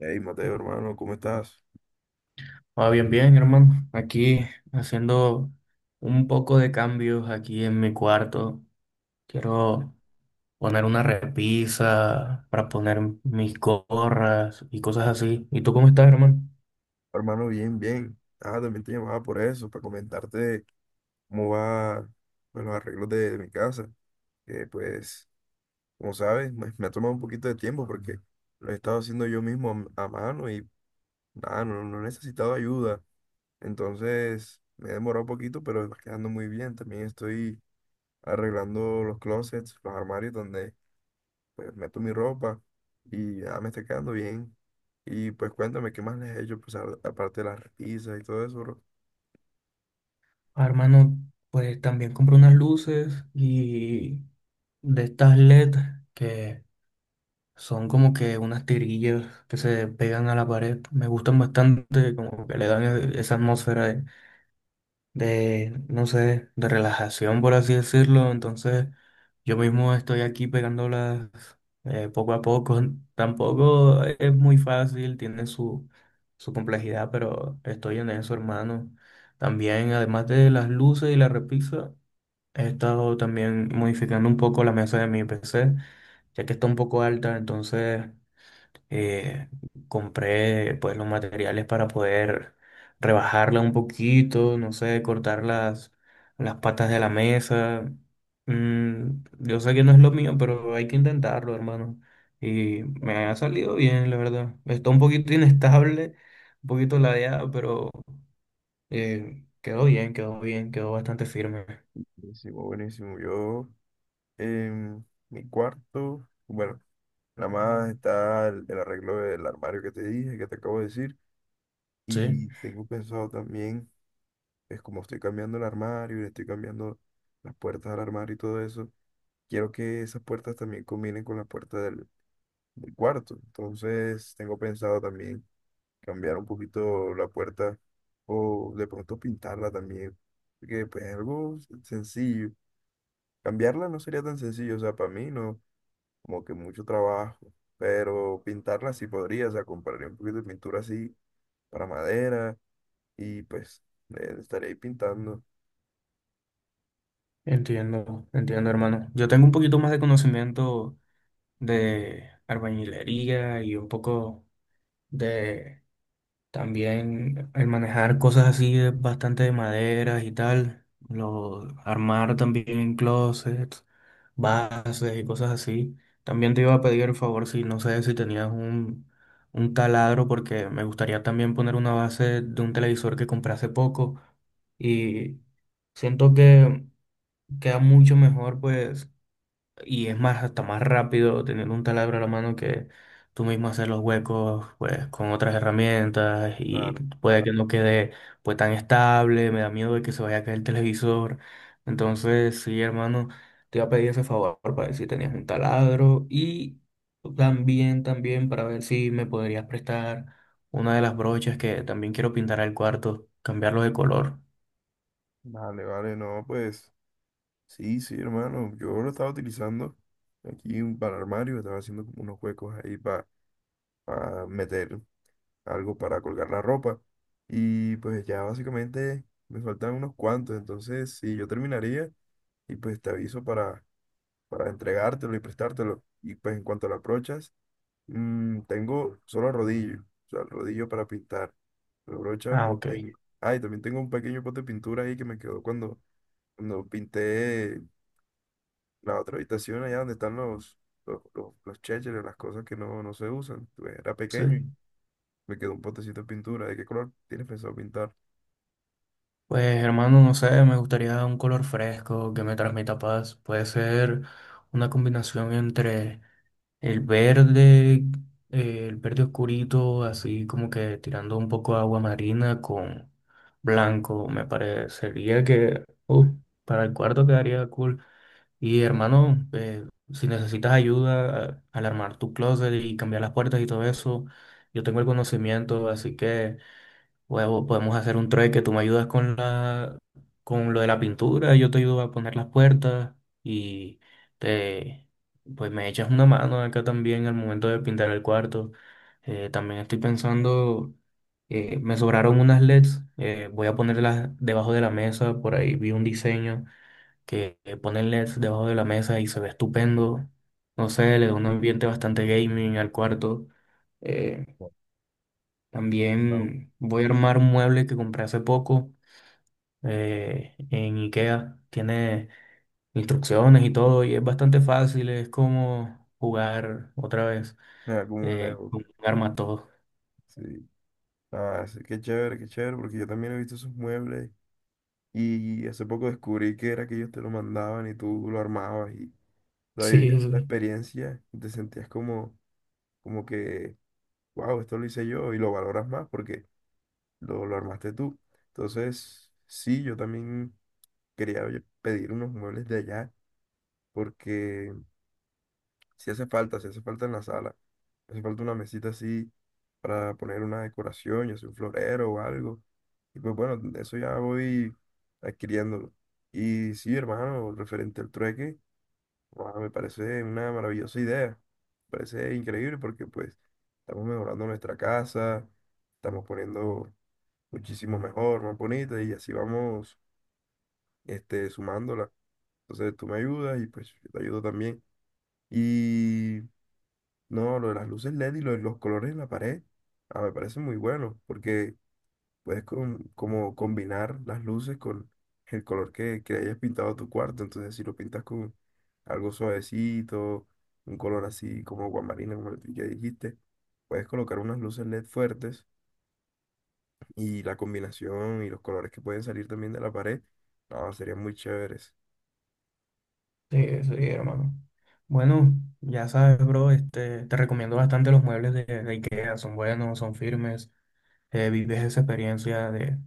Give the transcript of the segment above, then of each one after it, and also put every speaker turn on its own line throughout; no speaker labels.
Hey, Mateo, hermano, ¿cómo estás?
Ah, bien, bien, hermano. Aquí haciendo un poco de cambios aquí en mi cuarto. Quiero poner una repisa para poner mis gorras y cosas así. ¿Y tú cómo estás, hermano?
Hermano, bien, bien. Ah, también te llamaba por eso, para comentarte cómo va pues, los arreglos de mi casa. Que pues, como sabes, me ha tomado un poquito de tiempo porque lo he estado haciendo yo mismo a mano y nada, no he necesitado ayuda. Entonces, me he demorado un poquito, pero va quedando muy bien. También estoy arreglando los closets, los armarios donde pues meto mi ropa y ya me está quedando bien. Y pues cuéntame, ¿qué más les he hecho? Pues aparte de las risas y todo eso, bro.
Ah, hermano, pues también compré unas luces y de estas LED que son como que unas tirillas que se pegan a la pared. Me gustan bastante, como que le dan esa atmósfera de, no sé, de relajación, por así decirlo. Entonces, yo mismo estoy aquí pegándolas poco a poco. Tampoco es muy fácil, tiene su complejidad, pero estoy en eso, hermano. También, además de las luces y la repisa, he estado también modificando un poco la mesa de mi PC, ya que está un poco alta, entonces eh, compré pues los materiales para poder rebajarla un poquito, no sé, cortar las patas de la mesa. Yo sé que no es lo mío, pero hay que intentarlo, hermano. Y me
Bu-
ha salido bien, la verdad. Está un poquito inestable, un poquito ladeada, pero quedó bien, quedó bien, quedó bastante firme.
Buenísimo, buenísimo. Yo en mi cuarto, bueno, nada más está el arreglo del armario que te dije, que te acabo de decir.
Sí,
Y tengo pensado también, es como estoy cambiando el armario y le estoy cambiando las puertas del armario y todo eso, quiero que esas puertas también combinen con la puerta del cuarto. Entonces tengo pensado también cambiar un poquito la puerta o de pronto pintarla también, porque pues algo sencillo. Cambiarla no sería tan sencillo, o sea, para mí no, como que mucho trabajo, pero pintarla sí podría, o sea, compraría un poquito de pintura así para madera y pues estaré ahí pintando.
entiendo, entiendo, hermano. Yo tengo un poquito más de conocimiento de albañilería y un poco de también el manejar cosas así bastante de maderas y tal, lo, armar también closets, bases y cosas así. También te iba a pedir el favor si no sé si tenías un taladro porque me gustaría también poner una base de un televisor que compré hace poco y siento que queda mucho mejor pues y es más, hasta más rápido tener un taladro a la mano que tú mismo hacer los huecos, pues, con otras herramientas y
Claro,
puede que, claro. no quede, pues, tan estable, me da miedo de que se vaya a caer el televisor. Entonces, sí, hermano, te iba a pedir ese favor para ver si tenías un taladro y también, también para ver si me podrías prestar una de las brochas que también quiero pintar al cuarto, cambiarlo de color.
vale, vale, no, pues sí, sí, hermano, yo lo estaba utilizando aquí para el armario, estaba haciendo como unos huecos ahí para meter algo para colgar la ropa. Y pues ya básicamente me faltan unos cuantos, entonces sí, yo terminaría y pues te aviso para entregártelo y prestártelo. Y pues en cuanto a las brochas, mm, tengo solo el rodillo, o sea, el rodillo para pintar. La brocha
Ah,
no
ok.
tengo. Ah, y también tengo un pequeño pote de pintura ahí que me quedó cuando pinté la otra habitación allá donde están los chécheres, las cosas que no se usan. Pues, era
Sí.
pequeño y me quedó un potecito de pintura. ¿De qué color tienes pensado pintar?
Pues hermano, no sé, me gustaría un color fresco que me transmita paz. Puede ser una combinación entre el verde, el verde oscurito, así como que tirando un poco de agua marina con blanco. Me parecería que para el cuarto quedaría cool. Y hermano, si necesitas ayuda al armar tu closet y cambiar las puertas y todo eso, yo tengo el conocimiento, así que... Luego podemos hacer un trueque, tú me ayudas con la, con lo de la pintura, yo te ayudo a poner las puertas y te, pues me echas una mano acá también al momento de pintar el cuarto. También estoy pensando, me sobraron unas LEDs, voy a ponerlas debajo de la mesa, por ahí vi un diseño que pone LEDs debajo de la mesa y se ve estupendo. No sé, le da un ambiente bastante gaming al cuarto. Eh, También voy a armar un mueble que compré hace poco en IKEA. Tiene instrucciones y todo y es bastante fácil. Es como jugar otra vez
Ah, como un Lego.
con un arma todo.
Sí. Ah, sí, qué chévere, porque yo también he visto esos muebles y hace poco descubrí que era que ellos te lo mandaban y tú lo armabas y la
Sí,
vivías la
sí,
experiencia y te sentías como, como que, wow, esto lo hice yo y lo valoras más porque lo armaste tú. Entonces, sí, yo también quería oye, pedir unos muebles de allá porque si hace falta, si hace falta en la sala. Hace falta una mesita así para poner una decoración, ya sea un florero o algo. Y pues bueno, eso ya voy adquiriéndolo. Y sí, hermano, referente al trueque, guau, me parece una maravillosa idea. Me parece increíble porque pues estamos mejorando nuestra casa, estamos poniendo muchísimo mejor, más bonita y así vamos este, sumándola. Entonces tú me ayudas y pues yo te ayudo también. Y no, lo de las luces LED y lo de los colores en la pared, ah, me parece muy bueno, porque puedes con como combinar las luces con el color que hayas pintado tu cuarto. Entonces, si lo pintas con algo suavecito, un color así como guamarina, como el que dijiste, puedes colocar unas luces LED fuertes y la combinación y los colores que pueden salir también de la pared, no, serían muy chéveres.
sí, sí, hermano. Bueno, ya sabes, bro, este, te recomiendo bastante los muebles de IKEA. Son buenos, son firmes. Vives esa experiencia de,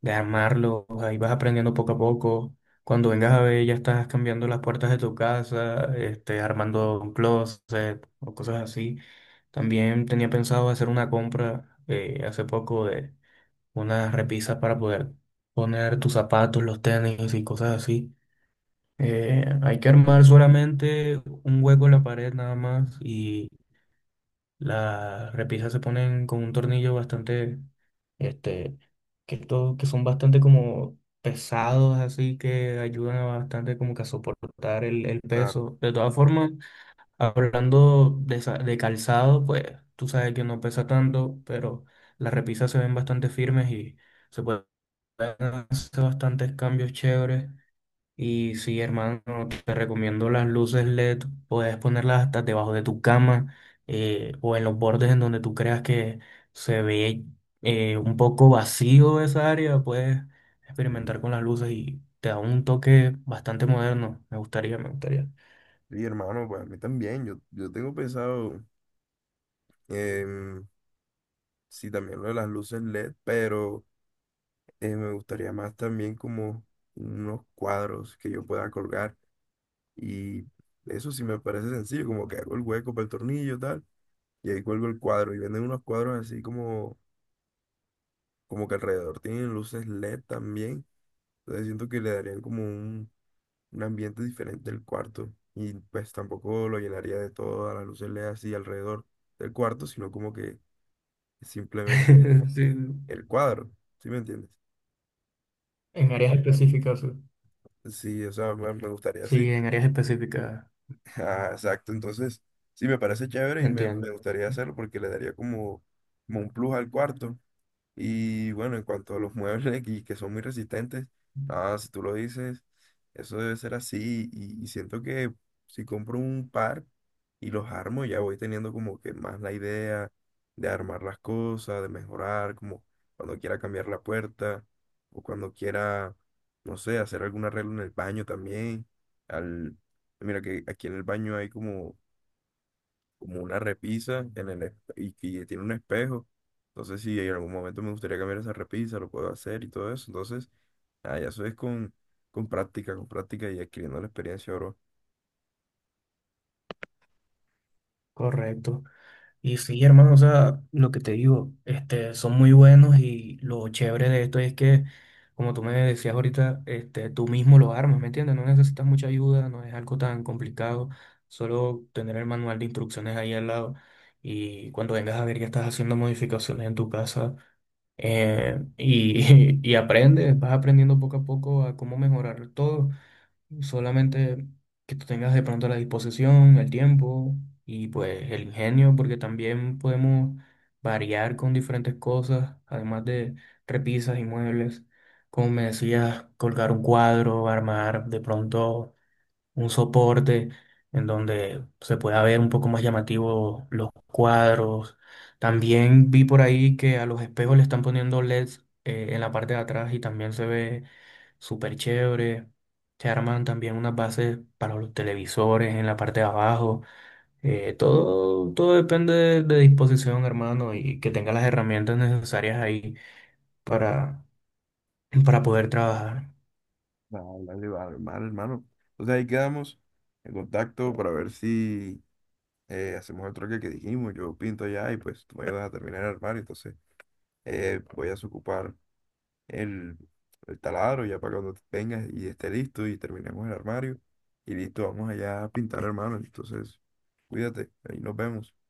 de armarlo, ahí vas aprendiendo poco a poco. Cuando vengas a ver, ya estás cambiando las puertas de tu casa, este, armando un closet o cosas así. También tenía pensado hacer una compra hace poco de unas repisas para poder poner tus zapatos, los tenis y cosas así. Hay que armar solamente un hueco en la pared nada más. Las repisas se ponen con un tornillo bastante, este, que, todo, que son bastante como pesados, así que ayudan a bastante como que a soportar el
Claro,
peso. De todas formas, hablando de calzado, pues tú sabes que no pesa tanto, pero las repisas se ven bastante firmes y se pueden hacer bastantes cambios chéveres. Y sí, hermano, te recomiendo las luces LED, puedes ponerlas hasta debajo de tu cama o en los bordes en donde tú creas que se ve un poco vacío esa área, puedes
sí.
experimentar con las luces y te da un toque bastante moderno. Me gustaría, me gustaría.
Sí, hermano, pues a mí también, yo tengo pensado... em, sí, también lo de las luces LED, pero me gustaría más también como unos cuadros que yo pueda colgar. Y eso sí me parece sencillo, como que hago el hueco para el tornillo, tal, y ahí cuelgo el cuadro. Y venden unos cuadros así como, como que alrededor tienen luces LED también. Entonces siento que le darían como un ambiente diferente al cuarto. Y pues tampoco lo llenaría de todas las luces LED así alrededor del cuarto, sino como que simplemente
Sí,
el cuadro. ¿Sí me entiendes?
en áreas específicas. Sí,
Sí, o sea, me gustaría, sí.
sí, en áreas específicas,
Ah, exacto. Entonces, sí, me parece chévere y me
entiendo.
gustaría hacerlo porque le daría como, como un plus al cuarto. Y bueno, en cuanto a los muebles y que son muy resistentes, nada, si tú lo dices, eso debe ser así. Y siento que si compro un par y los armo, ya voy teniendo como que más la idea de armar las cosas, de mejorar, como cuando quiera cambiar la puerta o cuando quiera, no sé, hacer algún arreglo en el baño también. Al, mira que aquí en el baño hay como como una repisa en el, y que tiene un espejo. Entonces, si en algún momento me gustaría cambiar esa repisa, lo puedo hacer y todo eso. Entonces, ah, ya eso es con práctica y adquiriendo la experiencia, bro.
Correcto. Y sí, hermano, o sea, lo que te digo, este, son muy buenos y lo chévere de esto es que, como tú me decías ahorita, este, tú mismo lo armas, ¿me entiendes? No necesitas mucha ayuda, no es algo tan complicado, solo tener el manual de instrucciones ahí al lado y cuando vengas a ver que estás haciendo modificaciones en tu casa y, y aprendes, vas aprendiendo poco a poco a cómo mejorar todo. Solamente que tú tengas de pronto la disposición, el tiempo y pues el ingenio, porque también podemos variar con diferentes cosas, además de repisas y muebles. Como me decías, colgar un cuadro, armar de pronto un soporte en donde se pueda ver un poco más llamativo los cuadros. También vi por ahí que a los espejos le están poniendo LEDs en la parte de atrás y también se ve súper chévere. Se arman también unas bases para los televisores en la parte de abajo. Todo, todo depende de disposición, hermano, y que tenga las herramientas necesarias ahí para, para, poder trabajar.
Vale, dale, vale, vale, hermano. Entonces ahí quedamos en contacto para ver si hacemos el troque que dijimos. Yo pinto allá y pues tú me ayudas a terminar el armario. Entonces voy a desocupar el, el taladro ya para cuando vengas y esté listo y terminemos el armario. Y listo, vamos allá a pintar, hermano. Entonces, cuídate, ahí nos vemos.